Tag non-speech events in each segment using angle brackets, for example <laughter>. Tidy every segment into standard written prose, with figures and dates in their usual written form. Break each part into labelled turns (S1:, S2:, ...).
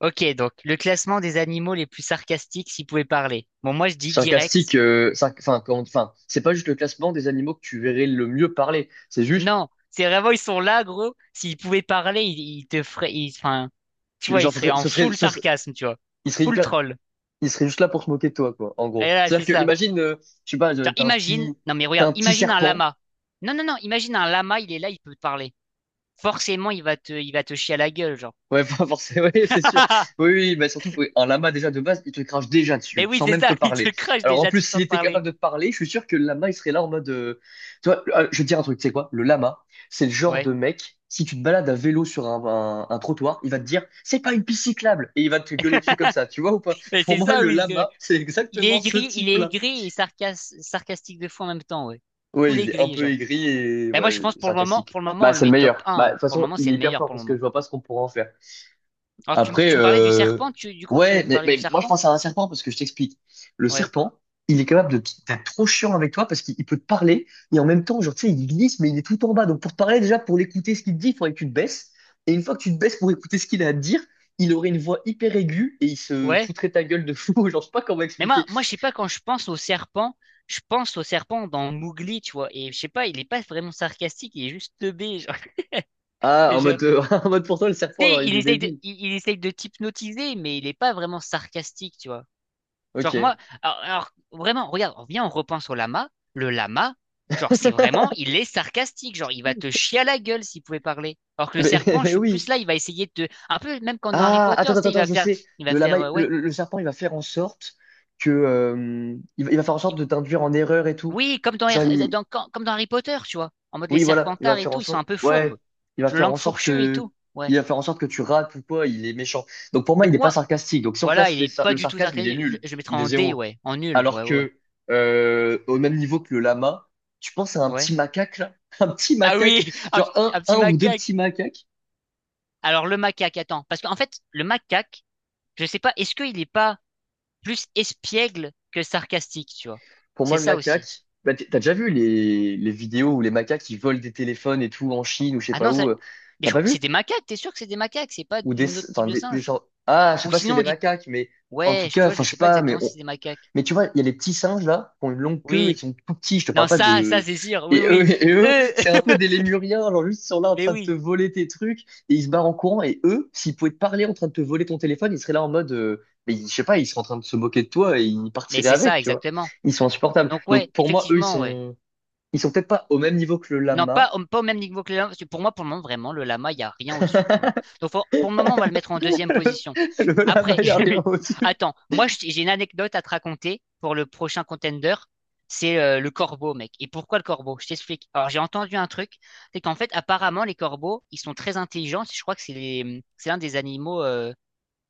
S1: Ok, donc le classement des animaux les plus sarcastiques s'ils pouvaient parler. Bon, moi je dis direct.
S2: Sarcastique, enfin, enfin, c'est pas juste le classement des animaux que tu verrais le mieux parler. C'est juste,
S1: Non, c'est vraiment ils sont là, gros. S'ils pouvaient parler, ils te feraient, ils- enfin, tu
S2: tu-
S1: vois, ils
S2: genre, ce
S1: seraient
S2: serait,
S1: en
S2: ce serait,
S1: full
S2: ce serait-
S1: sarcasme, tu vois,
S2: il serait
S1: full
S2: hyper,
S1: troll.
S2: il serait juste là pour se moquer de toi, quoi, en
S1: Et
S2: gros.
S1: là, c'est
S2: C'est-à-dire que,
S1: ça.
S2: imagine, je sais pas,
S1: Genre,
S2: t'as un
S1: imagine,
S2: petit,
S1: non mais
S2: t'as
S1: regarde,
S2: un petit
S1: imagine un
S2: serpent.
S1: lama. Non, non, non, imagine un lama, il est là, il peut te parler. Forcément, il va te chier à la gueule, genre.
S2: Ouais, <laughs> pas forcément, oui, c'est sûr. Oui,
S1: <laughs>
S2: oui, mais surtout qu'un lama déjà de base, il te crache déjà
S1: Mais
S2: dessus,
S1: oui,
S2: sans
S1: c'est
S2: même te
S1: ça, <laughs> il te
S2: parler.
S1: crache
S2: Alors en
S1: déjà,
S2: plus,
S1: tu
S2: s'il
S1: sens te
S2: était capable
S1: parler.
S2: de te parler, je suis sûr que le lama, il serait là en mode. Tu vois, ah, je vais te dire un truc, tu sais quoi? Le lama, c'est le genre
S1: Ouais.
S2: de mec, si tu te balades à vélo sur un trottoir, il va te dire, c'est pas une piste cyclable, et il va te gueuler dessus comme ça, tu vois ou pas?
S1: Mais
S2: Pour
S1: c'est
S2: moi,
S1: ça,
S2: le
S1: oui.
S2: lama, <laughs> c'est exactement ce
S1: Il est
S2: type-là.
S1: aigri et sarcas- sarcastique de fou en même temps, ouais.
S2: Oui,
S1: Full
S2: il est un
S1: aigri,
S2: peu
S1: genre.
S2: aigri et
S1: Bah moi, je
S2: ouais,
S1: pense
S2: sarcastique.
S1: pour le moment, on
S2: Bah,
S1: le
S2: c'est le
S1: met top
S2: meilleur.
S1: un.
S2: Bah, de
S1: Hein.
S2: toute
S1: Pour le
S2: façon,
S1: moment,
S2: il
S1: c'est
S2: est
S1: le
S2: hyper
S1: meilleur
S2: fort
S1: pour le
S2: parce que je
S1: moment.
S2: vois pas ce qu'on pourra en faire.
S1: Alors, tu, m-
S2: Après,
S1: tu me parlais du
S2: euh,
S1: serpent, tu, du coup, tu voulais
S2: ouais,
S1: me
S2: mais,
S1: parler du
S2: mais moi je
S1: serpent?
S2: pense à un serpent parce que je t'explique. Le
S1: Ouais.
S2: serpent, il est capable d'être trop chiant avec toi parce qu'il il peut te parler et en même temps, genre, tu sais, il glisse, mais il est tout en bas. Donc pour te parler, déjà, pour l'écouter ce qu'il te dit, il faudrait que tu te baisses. Et une fois que tu te baisses pour écouter ce qu'il a à te dire, il aurait une voix hyper aiguë et il se
S1: Ouais.
S2: foutrait ta gueule de fou. <laughs> Genre, je sais pas comment
S1: Mais moi,
S2: expliquer.
S1: moi, je sais pas, quand je pense au serpent, je pense au serpent dans Mowgli, tu vois. Et je sais pas, il est pas vraiment sarcastique, il est juste teubé, genre. <laughs>
S2: Ah,
S1: Et genre,
S2: <laughs> en mode pour toi, le
S1: tu
S2: serpent, genre,
S1: sais,
S2: il
S1: il
S2: est
S1: essaye de,
S2: débile.
S1: il essaye de t'hypnotiser, mais il est pas vraiment sarcastique, tu vois. Genre moi,
S2: Ok.
S1: alors, vraiment, regarde, on vient, on repense au lama. Le lama, genre c'est vraiment, il est sarcastique, genre il va te chier à la gueule s'il pouvait parler. Alors que
S2: <laughs>
S1: le serpent, je
S2: Mais, <laughs>
S1: suis
S2: oui.
S1: plus là, il va essayer de te, un peu même comme dans Harry
S2: Ah,
S1: Potter, tu
S2: attends, attends,
S1: sais,
S2: attends, je sais.
S1: il va
S2: Le lama,
S1: faire, ouais,
S2: le serpent, il va faire en sorte que, il va faire en sorte
S1: il-
S2: de t'induire en erreur et tout.
S1: oui, comme dans,
S2: Genre,
S1: Har-
S2: il-
S1: dans- quand- comme dans Harry Potter, tu vois, en mode les
S2: oui, voilà, il va
S1: serpentards et
S2: faire en
S1: tout, ils sont
S2: sorte,
S1: un peu
S2: ouais,
S1: fourbes,
S2: il va
S1: le
S2: faire en
S1: langue
S2: sorte
S1: fourchue et
S2: que,
S1: tout, ouais.
S2: il va faire en sorte que tu rates ou quoi. Il est méchant. Donc pour moi, il
S1: Donc
S2: n'est pas
S1: moi,
S2: sarcastique. Donc si on
S1: voilà,
S2: classe
S1: il
S2: les
S1: est pas
S2: le
S1: du tout
S2: sarcasme, il est
S1: sarcastique.
S2: nul,
S1: Je le mettrais
S2: il est
S1: en D,
S2: zéro.
S1: ouais, en nul,
S2: Alors
S1: ouais, ouais, ouais.
S2: que, au même niveau que le lama, tu penses à un petit
S1: Ouais.
S2: macaque là, <laughs> un petit
S1: Ah
S2: macaque,
S1: oui, <laughs>
S2: genre
S1: un petit
S2: un ou deux
S1: macaque.
S2: petits macaques.
S1: Alors le macaque, attends, parce qu'en fait, le macaque, je sais pas, est-ce qu'il est pas plus espiègle que sarcastique, tu vois?
S2: Pour
S1: C'est
S2: moi, le
S1: ça aussi.
S2: macaque, bah, t'as déjà vu les vidéos où les macaques ils volent des téléphones et tout en Chine ou je sais
S1: Ah
S2: pas
S1: non, ça-
S2: où.
S1: mais
S2: T'as
S1: je-
S2: pas vu?
S1: c'est des macaques, t'es sûr que c'est des macaques, c'est pas une autre
S2: Enfin
S1: type de singe?
S2: ah, je sais
S1: Ou
S2: pas si c'est
S1: sinon on
S2: des
S1: dit,
S2: macaques, mais en tout
S1: ouais, je- tu
S2: cas,
S1: vois,
S2: enfin
S1: je
S2: je sais
S1: sais pas
S2: pas,
S1: exactement si c'est des macaques.
S2: mais tu vois, il y a les petits singes là qui ont une longue queue et
S1: Oui,
S2: qui sont tout petits. Je te parle
S1: non,
S2: pas
S1: ça
S2: de.
S1: c'est sûr, oui,
S2: Et eux
S1: oui,
S2: <laughs> et eux,
S1: eux,
S2: c'est un peu des
S1: <laughs>
S2: lémuriens, genre juste ils sont là en
S1: mais
S2: train de te
S1: oui,
S2: voler tes trucs et ils se barrent en courant. Et eux, s'ils pouvaient te parler en train de te voler ton téléphone, ils seraient là en mode, mais je sais pas, ils seraient en train de se moquer de toi et ils
S1: mais
S2: partiraient
S1: c'est
S2: avec,
S1: ça
S2: tu vois.
S1: exactement.
S2: Ils sont insupportables.
S1: Donc ouais,
S2: Donc pour moi, eux, ils
S1: effectivement, ouais.
S2: sont ils sont peut-être pas au même niveau que le
S1: Non,
S2: lama.
S1: pas, au- pas au même niveau que le lama, parce que pour moi, pour le moment, vraiment, le lama, il n'y a rien au-dessus. Pour le moment. Donc, faut- pour le moment, on va le mettre en deuxième position.
S2: <laughs> Le lama,
S1: Après,
S2: il n'y a rien
S1: <laughs>
S2: au-dessus.
S1: attends, moi, je t- j'ai une anecdote à te raconter pour le prochain contender. C'est le corbeau, mec. Et pourquoi le corbeau? Je t'explique. Alors, j'ai entendu un truc, c'est qu'en fait, apparemment, les corbeaux, ils sont très intelligents. Je crois que c'est les- c'est l'un des animaux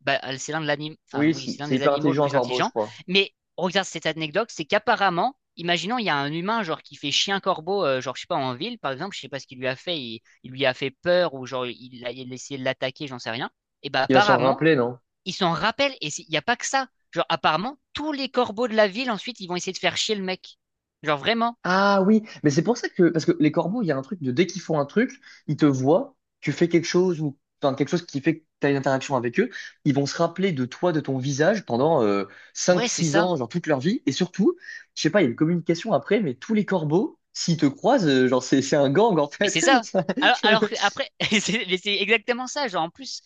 S1: bah, c'est l'un de l'anim- enfin,
S2: Oui,
S1: oui,
S2: si,
S1: c'est l'un
S2: c'est
S1: des
S2: hyper
S1: animaux le
S2: intelligent un
S1: plus
S2: corbeau, je
S1: intelligent.
S2: crois.
S1: Mais regarde cette anecdote, c'est qu'apparemment, imaginons, il y a un humain genre qui fait chien corbeau, genre je sais pas en ville par exemple, je sais pas ce qu'il lui a fait, il lui a fait peur ou genre il a essayé de l'attaquer, j'en sais rien. Et bah
S2: Il va s'en
S1: apparemment,
S2: rappeler, non?
S1: il s'en rappelle et c'est- il n'y a pas que ça. Genre apparemment, tous les corbeaux de la ville ensuite, ils vont essayer de faire chier le mec. Genre vraiment.
S2: Ah oui, mais c'est pour ça que, parce que les corbeaux, il y a un truc de dès qu'ils font un truc, ils te voient, tu fais quelque chose ou, enfin, quelque chose qui fait que tu as une interaction avec eux, ils vont se rappeler de toi, de ton visage pendant
S1: Ouais, c'est
S2: 5-6
S1: ça.
S2: ans, genre toute leur vie. Et surtout, je sais pas, il y a une communication après, mais tous les corbeaux, s'ils te croisent, genre c'est un gang en
S1: Mais
S2: fait.
S1: c'est ça. Alors que
S2: <laughs>
S1: après, <laughs> c'est mais c'est exactement ça. Genre en plus,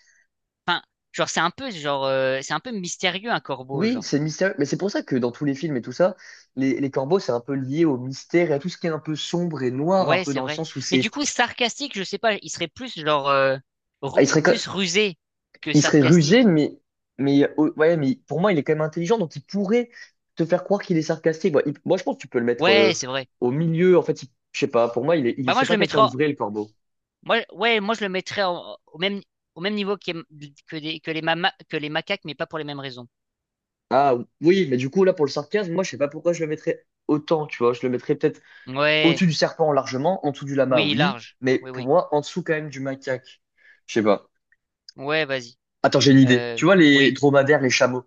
S1: genre c'est un peu genre c'est un peu mystérieux un corbeau,
S2: Oui,
S1: genre.
S2: c'est mystérieux. Mais c'est pour ça que dans tous les films et tout ça, les corbeaux, c'est un peu lié au mystère et à tout ce qui est un peu sombre et noir, un
S1: Ouais,
S2: peu
S1: c'est
S2: dans le
S1: vrai.
S2: sens où
S1: Mais du
S2: c'est.
S1: coup, sarcastique, je sais pas, il serait plus genre ru-
S2: Ah,
S1: plus rusé que
S2: il serait rusé,
S1: sarcastique.
S2: mais, ouais, mais pour moi, il est quand même intelligent, donc il pourrait te faire croire qu'il est sarcastique. Moi, moi, je pense que tu peux le mettre
S1: Ouais, c'est vrai.
S2: au milieu. En fait, je sais pas, pour moi,
S1: Bah moi
S2: c'est
S1: je
S2: pas
S1: le mettrais
S2: quelqu'un de
S1: en-
S2: vrai, le corbeau.
S1: moi ouais, moi je le mettrais en- au même niveau que des- que les mama- que les macaques mais pas pour les mêmes raisons.
S2: Ah oui, mais du coup, là, pour le sarcasme, moi, je sais pas pourquoi je le mettrais autant, tu vois. Je le mettrais peut-être
S1: Ouais,
S2: au-dessus du serpent largement, en dessous du lama,
S1: oui,
S2: oui,
S1: large.
S2: mais
S1: Oui,
S2: pour
S1: oui.
S2: moi, en dessous quand même du macaque. Je sais pas.
S1: Ouais, vas-y.
S2: Attends, j'ai une idée.
S1: Euh
S2: Tu vois les
S1: oui.
S2: dromadaires, les chameaux.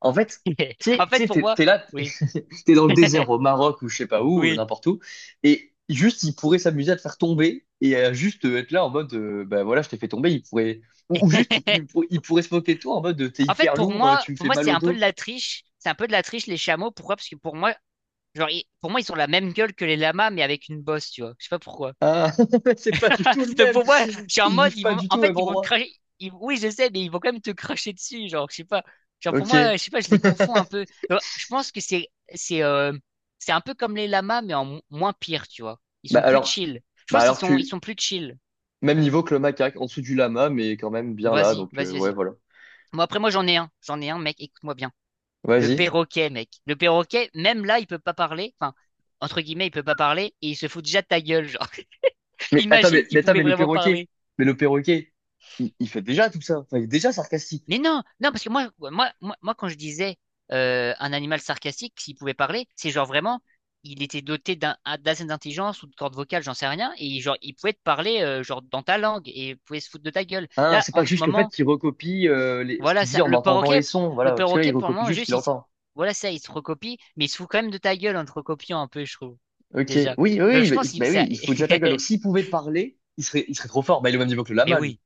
S2: En fait, tu
S1: <laughs>
S2: sais,
S1: En
S2: tu
S1: fait
S2: sais,
S1: pour
S2: t'es,
S1: moi,
S2: t'es là,
S1: oui.
S2: <laughs> t'es dans le désert
S1: <laughs>
S2: au Maroc ou je sais pas où,
S1: Oui.
S2: n'importe où, et juste ils pourraient s'amuser à te faire tomber et à juste être là en mode, bah voilà, je t'ai fait tomber. Ils pourraient ou juste
S1: <laughs>
S2: ils pourraient se moquer de toi en mode, t'es
S1: En fait,
S2: hyper
S1: pour
S2: lourd,
S1: moi,
S2: tu me
S1: pour
S2: fais
S1: moi,
S2: mal
S1: c'est
S2: au
S1: un peu de
S2: dos.
S1: la triche. C'est un peu de la triche, les chameaux. Pourquoi? Parce que pour moi, genre, ils- pour moi, ils ont la même gueule que les lamas, mais avec une bosse, tu vois. Je sais pas pourquoi.
S2: Ah, <laughs> c'est pas du tout le
S1: <laughs> Donc
S2: même.
S1: pour moi, je suis en
S2: Ils
S1: mode,
S2: vivent
S1: ils
S2: pas
S1: vont,
S2: du
S1: en
S2: tout au
S1: fait,
S2: même
S1: ils vont te
S2: endroit.
S1: cracher. Ils- oui, je sais, mais ils vont quand même te cracher dessus. Genre, je sais pas. Genre pour
S2: Ok.
S1: moi, je sais pas, je les confonds un peu. Donc, je pense que c'est, euh, c'est un peu comme les lamas, mais en mo- moins pire, tu vois. Ils
S2: Bah
S1: sont plus
S2: alors,
S1: chill. Je
S2: bah
S1: pense qu'ils
S2: alors
S1: sont, ils
S2: tu
S1: sont plus chill.
S2: même niveau que le macaque, en dessous du lama, mais quand même bien là.
S1: Vas-y,
S2: Donc
S1: vas-y,
S2: ouais,
S1: vas-y.
S2: voilà.
S1: Moi, après, moi, j'en ai un. J'en ai un, mec. Écoute-moi bien. Le
S2: Vas-y.
S1: perroquet, mec. Le perroquet, même là, il peut pas parler. Enfin, entre guillemets, il peut pas parler et il se fout déjà de ta gueule, genre.
S2: Mais attends,
S1: Imagine
S2: mais, mais
S1: s'il
S2: attends,
S1: pouvait
S2: mais le
S1: vraiment
S2: perroquet,
S1: parler.
S2: mais le perroquet, il fait déjà tout ça. Enfin, il est déjà sarcastique.
S1: Mais non, non, parce que moi, quand je disais un animal sarcastique, s'il pouvait parler, c'est genre vraiment, il était doté d'un d'assez d'intelligence ou de cordes vocales, j'en sais rien, et genre il pouvait te parler genre dans ta langue et il pouvait se foutre de ta gueule.
S2: Hein,
S1: Là,
S2: c'est pas
S1: en ce
S2: juste le fait
S1: moment,
S2: qu'il recopie ce
S1: voilà
S2: qu'il dit
S1: ça,
S2: en entendant les sons,
S1: le
S2: voilà, parce que là, il
S1: perroquet pour le
S2: recopie
S1: moment
S2: juste ce
S1: juste,
S2: qu'il
S1: il,
S2: entend.
S1: voilà ça, il se recopie, mais il se fout quand même de ta gueule en te recopiant un peu, je trouve
S2: Ok, oui,
S1: déjà.
S2: oui,
S1: Donc
S2: oui,
S1: je
S2: mais,
S1: pense que
S2: mais
S1: ça,
S2: oui, il faut déjà ta gueule. Donc, s'il pouvait parler, il serait trop fort. Bah, il est au même niveau que le
S1: <laughs> mais
S2: lama, lui.
S1: oui.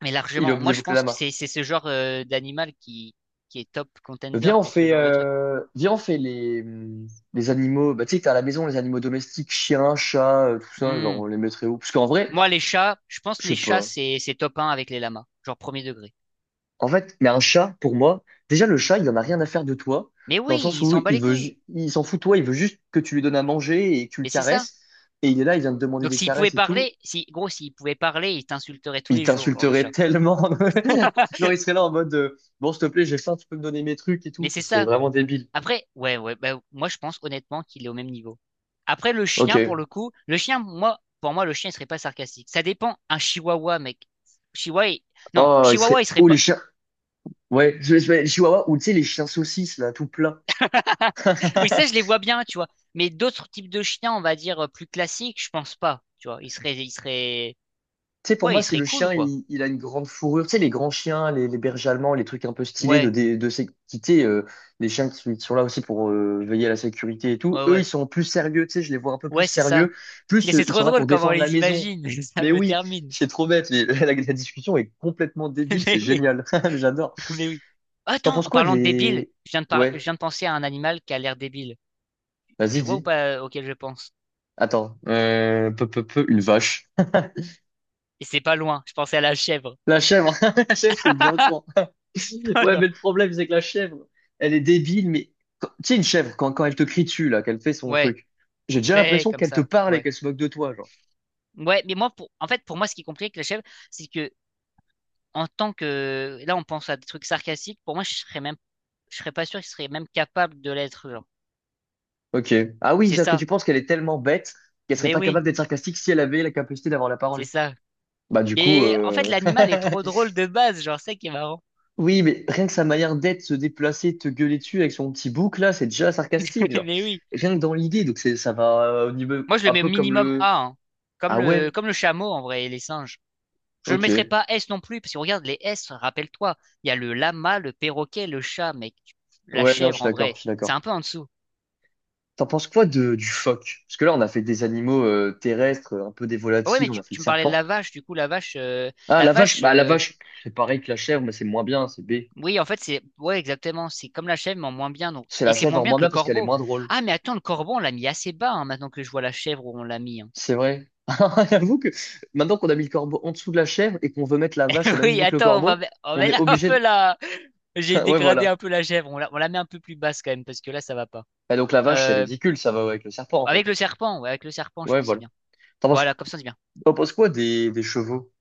S1: Mais
S2: Il est au
S1: largement,
S2: même
S1: moi
S2: niveau
S1: je
S2: que le
S1: pense que
S2: lama.
S1: c'est ce genre d'animal qui est top contender
S2: Viens, on
S1: pour ce
S2: fait,
S1: genre de truc.
S2: euh, viens, on fait les animaux. Bah, tu sais, t'as à la maison les animaux domestiques, chiens, chats, tout ça. Genre,
S1: Hmm.
S2: on les mettrait où? Parce qu'en vrai,
S1: Moi les chats, je pense
S2: je
S1: que les
S2: sais
S1: chats
S2: pas.
S1: c'est top 1 avec les lamas, genre premier degré.
S2: En fait, mais un chat, pour moi, déjà le chat, il en a rien à faire de toi,
S1: Mais
S2: dans
S1: oui,
S2: le sens
S1: ils
S2: où
S1: s'en bat
S2: il
S1: les
S2: veut,
S1: couilles.
S2: il s'en fout de toi, il veut juste que tu lui donnes à manger et que tu le
S1: Mais c'est ça.
S2: caresses. Et il est là, il vient te demander
S1: Donc
S2: des
S1: s'ils pouvaient
S2: caresses et tout.
S1: parler, si gros s'ils pouvaient parler, ils t'insulteraient tous
S2: Il
S1: les jours, genre le
S2: t'insulterait
S1: chat.
S2: tellement. <laughs> Non, il
S1: <laughs>
S2: serait là en mode, bon, s'il te plaît, j'ai faim, tu peux me donner mes trucs et
S1: Mais
S2: tout. Ce
S1: c'est
S2: serait
S1: ça.
S2: vraiment débile.
S1: Après, ouais, ouais, bah, moi je pense honnêtement qu'il est au même niveau. Après le chien pour
S2: Ok.
S1: le coup, le chien, moi, pour moi le chien il serait pas sarcastique. Ça dépend. Un chihuahua, mec. Chihuahua, il- non,
S2: Oh, il
S1: chihuahua
S2: serait.
S1: il serait
S2: Oh, les
S1: pas.
S2: chiens. Ouais, les chihuahuas, ou tu sais, les chiens saucisses, là, tout plein.
S1: <laughs> Oui, ça, je
S2: <laughs>
S1: les vois bien, tu vois. Mais d'autres types de chiens, on va dire, plus classiques, je pense pas. Tu vois, ils seraient,
S2: Tu sais, pour
S1: ouais,
S2: moi,
S1: ils
S2: si
S1: seraient
S2: le
S1: cool,
S2: chien,
S1: quoi.
S2: il a une grande fourrure, tu sais, les grands chiens, les bergers allemands, les trucs un peu stylés de,
S1: Ouais,
S2: dé- de, sécurité, les chiens qui sont là aussi pour veiller à la sécurité et tout,
S1: ouais,
S2: eux, ils
S1: ouais.
S2: sont plus sérieux, tu sais, je les vois un peu plus
S1: Ouais, c'est ça.
S2: sérieux,
S1: Mais
S2: plus
S1: c'est
S2: ils
S1: trop
S2: sont là
S1: drôle
S2: pour
S1: comment on
S2: défendre la
S1: les
S2: maison.
S1: imagine. <laughs> Ça
S2: Mais
S1: me
S2: oui,
S1: termine.
S2: c'est trop bête, mais <laughs> la discussion est complètement débile,
S1: <laughs>
S2: c'est
S1: Mais oui,
S2: génial, <laughs> j'adore.
S1: mais oui.
S2: T'en
S1: Attends,
S2: penses
S1: en
S2: quoi
S1: parlant de débile,
S2: des.
S1: je viens de, par- je
S2: Ouais,
S1: viens de penser à un animal qui a l'air débile. Tu
S2: vas-y,
S1: vois ou
S2: dis.
S1: pas auquel je pense?
S2: Attends, une vache.
S1: Et c'est pas loin, je pensais à la chèvre.
S2: La chèvre, <laughs> la chèvre, c'est bien
S1: <laughs>
S2: con. <laughs>
S1: Oh
S2: Ouais,
S1: non.
S2: mais le problème, c'est que la chèvre, elle est débile, mais tu sais, une chèvre, quand elle te crie dessus, là, qu'elle fait son
S1: Ouais,
S2: truc, j'ai déjà
S1: ben,
S2: l'impression
S1: comme
S2: qu'elle te
S1: ça,
S2: parle et
S1: ouais.
S2: qu'elle se moque de toi, genre.
S1: Ouais, mais moi, pour... en fait, pour moi, ce qui est compliqué avec la chèvre, c'est que en tant que là on pense à des trucs sarcastiques pour moi je serais même je serais pas sûr qu'il serait même capable de l'être genre
S2: Ok. Ah oui,
S1: c'est
S2: c'est-à-dire que
S1: ça
S2: tu penses qu'elle est tellement bête qu'elle serait
S1: mais
S2: pas
S1: oui
S2: capable d'être sarcastique si elle avait la capacité d'avoir la
S1: c'est
S2: parole.
S1: ça
S2: Bah, du coup,
S1: mais en fait l'animal est
S2: <laughs>
S1: trop drôle de base genre c'est ça qui est marrant.
S2: oui, mais rien que sa manière d'être, se déplacer, te gueuler dessus avec son petit bouc, là, c'est déjà
S1: <laughs>
S2: sarcastique, genre.
S1: Mais oui,
S2: Rien que dans l'idée, donc ça va au niveau
S1: moi je le
S2: un
S1: mets au
S2: peu comme
S1: minimum
S2: le.
S1: A hein. Comme
S2: Ah
S1: le
S2: ouais,
S1: comme le chameau en vrai et les singes je le mettrais
S2: ok.
S1: pas S non plus parce que regarde les S rappelle-toi il y a le lama le perroquet le chat mec. Tu- la
S2: Ouais, non, je
S1: chèvre
S2: suis
S1: en
S2: d'accord,
S1: vrai
S2: je suis
S1: c'est
S2: d'accord.
S1: un peu en dessous.
S2: T'en penses quoi du phoque? Parce que là, on a fait des animaux terrestres, un peu des
S1: Ah ouais mais
S2: volatiles, on a
S1: tu,
S2: fait le
S1: tu me parlais de
S2: serpent.
S1: la vache du coup
S2: Ah,
S1: la vache
S2: bah la vache, c'est pareil que la chèvre, mais c'est moins bien, c'est B.
S1: oui, en fait, c'est ouais, exactement. C'est comme la chèvre, mais en moins bien. Donc...
S2: C'est
S1: Et
S2: la
S1: c'est
S2: chèvre
S1: moins
S2: en
S1: bien
S2: moins
S1: que le
S2: bien parce qu'elle est
S1: corbeau.
S2: moins drôle.
S1: Ah, mais attends, le corbeau, on l'a mis assez bas hein, maintenant que je vois la chèvre où on l'a mis. Hein.
S2: C'est vrai. <laughs> J'avoue que maintenant qu'on a mis le corbeau en dessous de la chèvre et qu'on veut mettre la vache au
S1: <laughs>
S2: même
S1: Oui,
S2: niveau que le
S1: attends, on va,
S2: corbeau,
S1: me- on va
S2: on est
S1: mettre <laughs> un
S2: obligé
S1: peu
S2: de.
S1: la. J'ai
S2: <laughs> Ouais,
S1: dégradé
S2: voilà.
S1: un peu la chèvre. On la met un peu plus basse quand même, parce que là, ça va pas.
S2: Et donc la vache, c'est
S1: Euh,
S2: ridicule, ça va avec le serpent, en
S1: Avec
S2: fait.
S1: le serpent, ouais, avec le serpent, je
S2: Ouais,
S1: pense que c'est
S2: voilà.
S1: bien.
S2: T'en penses,
S1: Voilà, comme ça, c'est bien.
S2: t'en penses quoi des chevaux?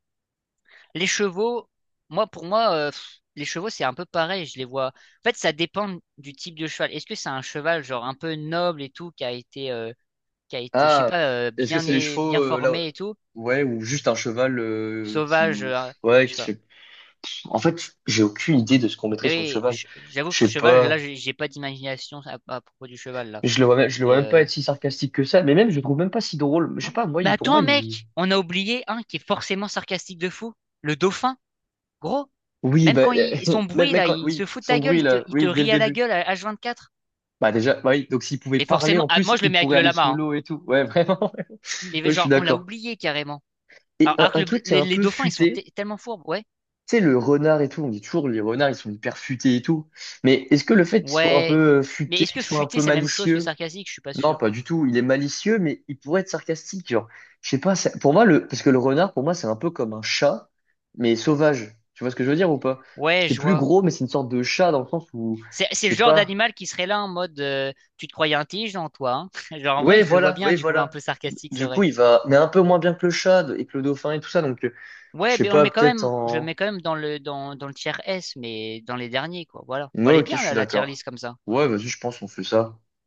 S1: Les chevaux, moi, pour moi, pff, les chevaux, c'est un peu pareil. Je les vois. En fait, ça dépend du type de cheval. Est-ce que c'est un cheval, genre, un peu noble et tout, qui a été. Qui a été, je sais
S2: Ah,
S1: pas,
S2: est-ce que
S1: bien,
S2: c'est les
S1: é-
S2: chevaux
S1: bien
S2: là?
S1: formé et tout,
S2: Ouais, ou juste un cheval
S1: sauvage,
S2: ouais,
S1: je sais
S2: qui
S1: pas.
S2: fait. En fait, j'ai aucune idée de ce qu'on mettrait
S1: Mais
S2: sur le
S1: oui,
S2: cheval.
S1: je- j'avoue
S2: Je
S1: que le
S2: sais
S1: cheval, là,
S2: pas.
S1: j'ai pas d'imagination à propos du cheval, là.
S2: Je le vois
S1: Mais,
S2: même pas
S1: euh...
S2: être si sarcastique que ça. Mais même, je le trouve même pas si drôle. Je sais pas. Moi,
S1: mais
S2: pour moi,
S1: attends,
S2: il.
S1: mec, on a oublié un qui est forcément sarcastique de fou, le dauphin, gros.
S2: Oui,
S1: Même
S2: bah,
S1: quand il, son
S2: <laughs> même,
S1: bruit,
S2: même
S1: là,
S2: quand,
S1: il se
S2: oui,
S1: fout de ta
S2: son
S1: gueule,
S2: bruit là,
S1: il te
S2: oui, dès le
S1: rit à la
S2: début.
S1: gueule à h 24.
S2: Bah déjà, bah oui. Donc s'il pouvait
S1: Mais
S2: parler
S1: forcément,
S2: en
S1: ah, moi,
S2: plus,
S1: je le
S2: il
S1: mets avec
S2: pourrait
S1: le
S2: aller
S1: lama, hein.
S2: solo et tout. Ouais, <laughs> vraiment.
S1: Mais
S2: Ouais, je suis
S1: genre, on l'a
S2: d'accord.
S1: oublié carrément.
S2: Et un,
S1: Alors que
S2: un
S1: le-
S2: truc qui est un
S1: les
S2: peu
S1: dauphins, ils sont te-
S2: futé.
S1: tellement fourbes, ouais.
S2: Tu sais, le renard et tout, on dit toujours les renards, ils sont hyper futés et tout. Mais est-ce que le fait qu'il soit un
S1: Ouais.
S2: peu
S1: Mais
S2: futé,
S1: est-ce
S2: qu'il
S1: que
S2: soit un
S1: futé,
S2: peu
S1: c'est la même chose que
S2: malicieux?
S1: sarcastique? Je suis pas
S2: Non,
S1: sûr.
S2: pas du tout. Il est malicieux, mais il pourrait être sarcastique. Genre, je sais pas, pour moi, parce que le renard, pour moi, c'est un peu comme un chat, mais sauvage. Tu vois ce que je veux dire ou pas?
S1: Ouais,
S2: C'est
S1: je
S2: plus
S1: vois.
S2: gros, mais c'est une sorte de chat dans le sens où, je
S1: C'est le
S2: sais
S1: genre
S2: pas.
S1: d'animal qui serait là en mode tu te croyais intelligent, toi, hein? <laughs> Genre en
S2: Oui,
S1: vrai, je le vois
S2: voilà,
S1: bien,
S2: oui,
S1: du coup, un
S2: voilà.
S1: peu sarcastique, c'est
S2: Du coup,
S1: vrai.
S2: mais un peu moins bien que le chat et que le dauphin et tout ça. Donc, je
S1: Ouais,
S2: sais
S1: mais on le
S2: pas,
S1: met quand
S2: peut-être
S1: même, je le mets
S2: en.
S1: quand même dans le dans, dans le tier S, mais dans les derniers, quoi. Voilà. Bon,
S2: Ouais,
S1: elle est
S2: ok, je
S1: bien
S2: suis
S1: là, la tier
S2: d'accord.
S1: list comme ça.
S2: Ouais, vas-y, je pense qu'on fait ça.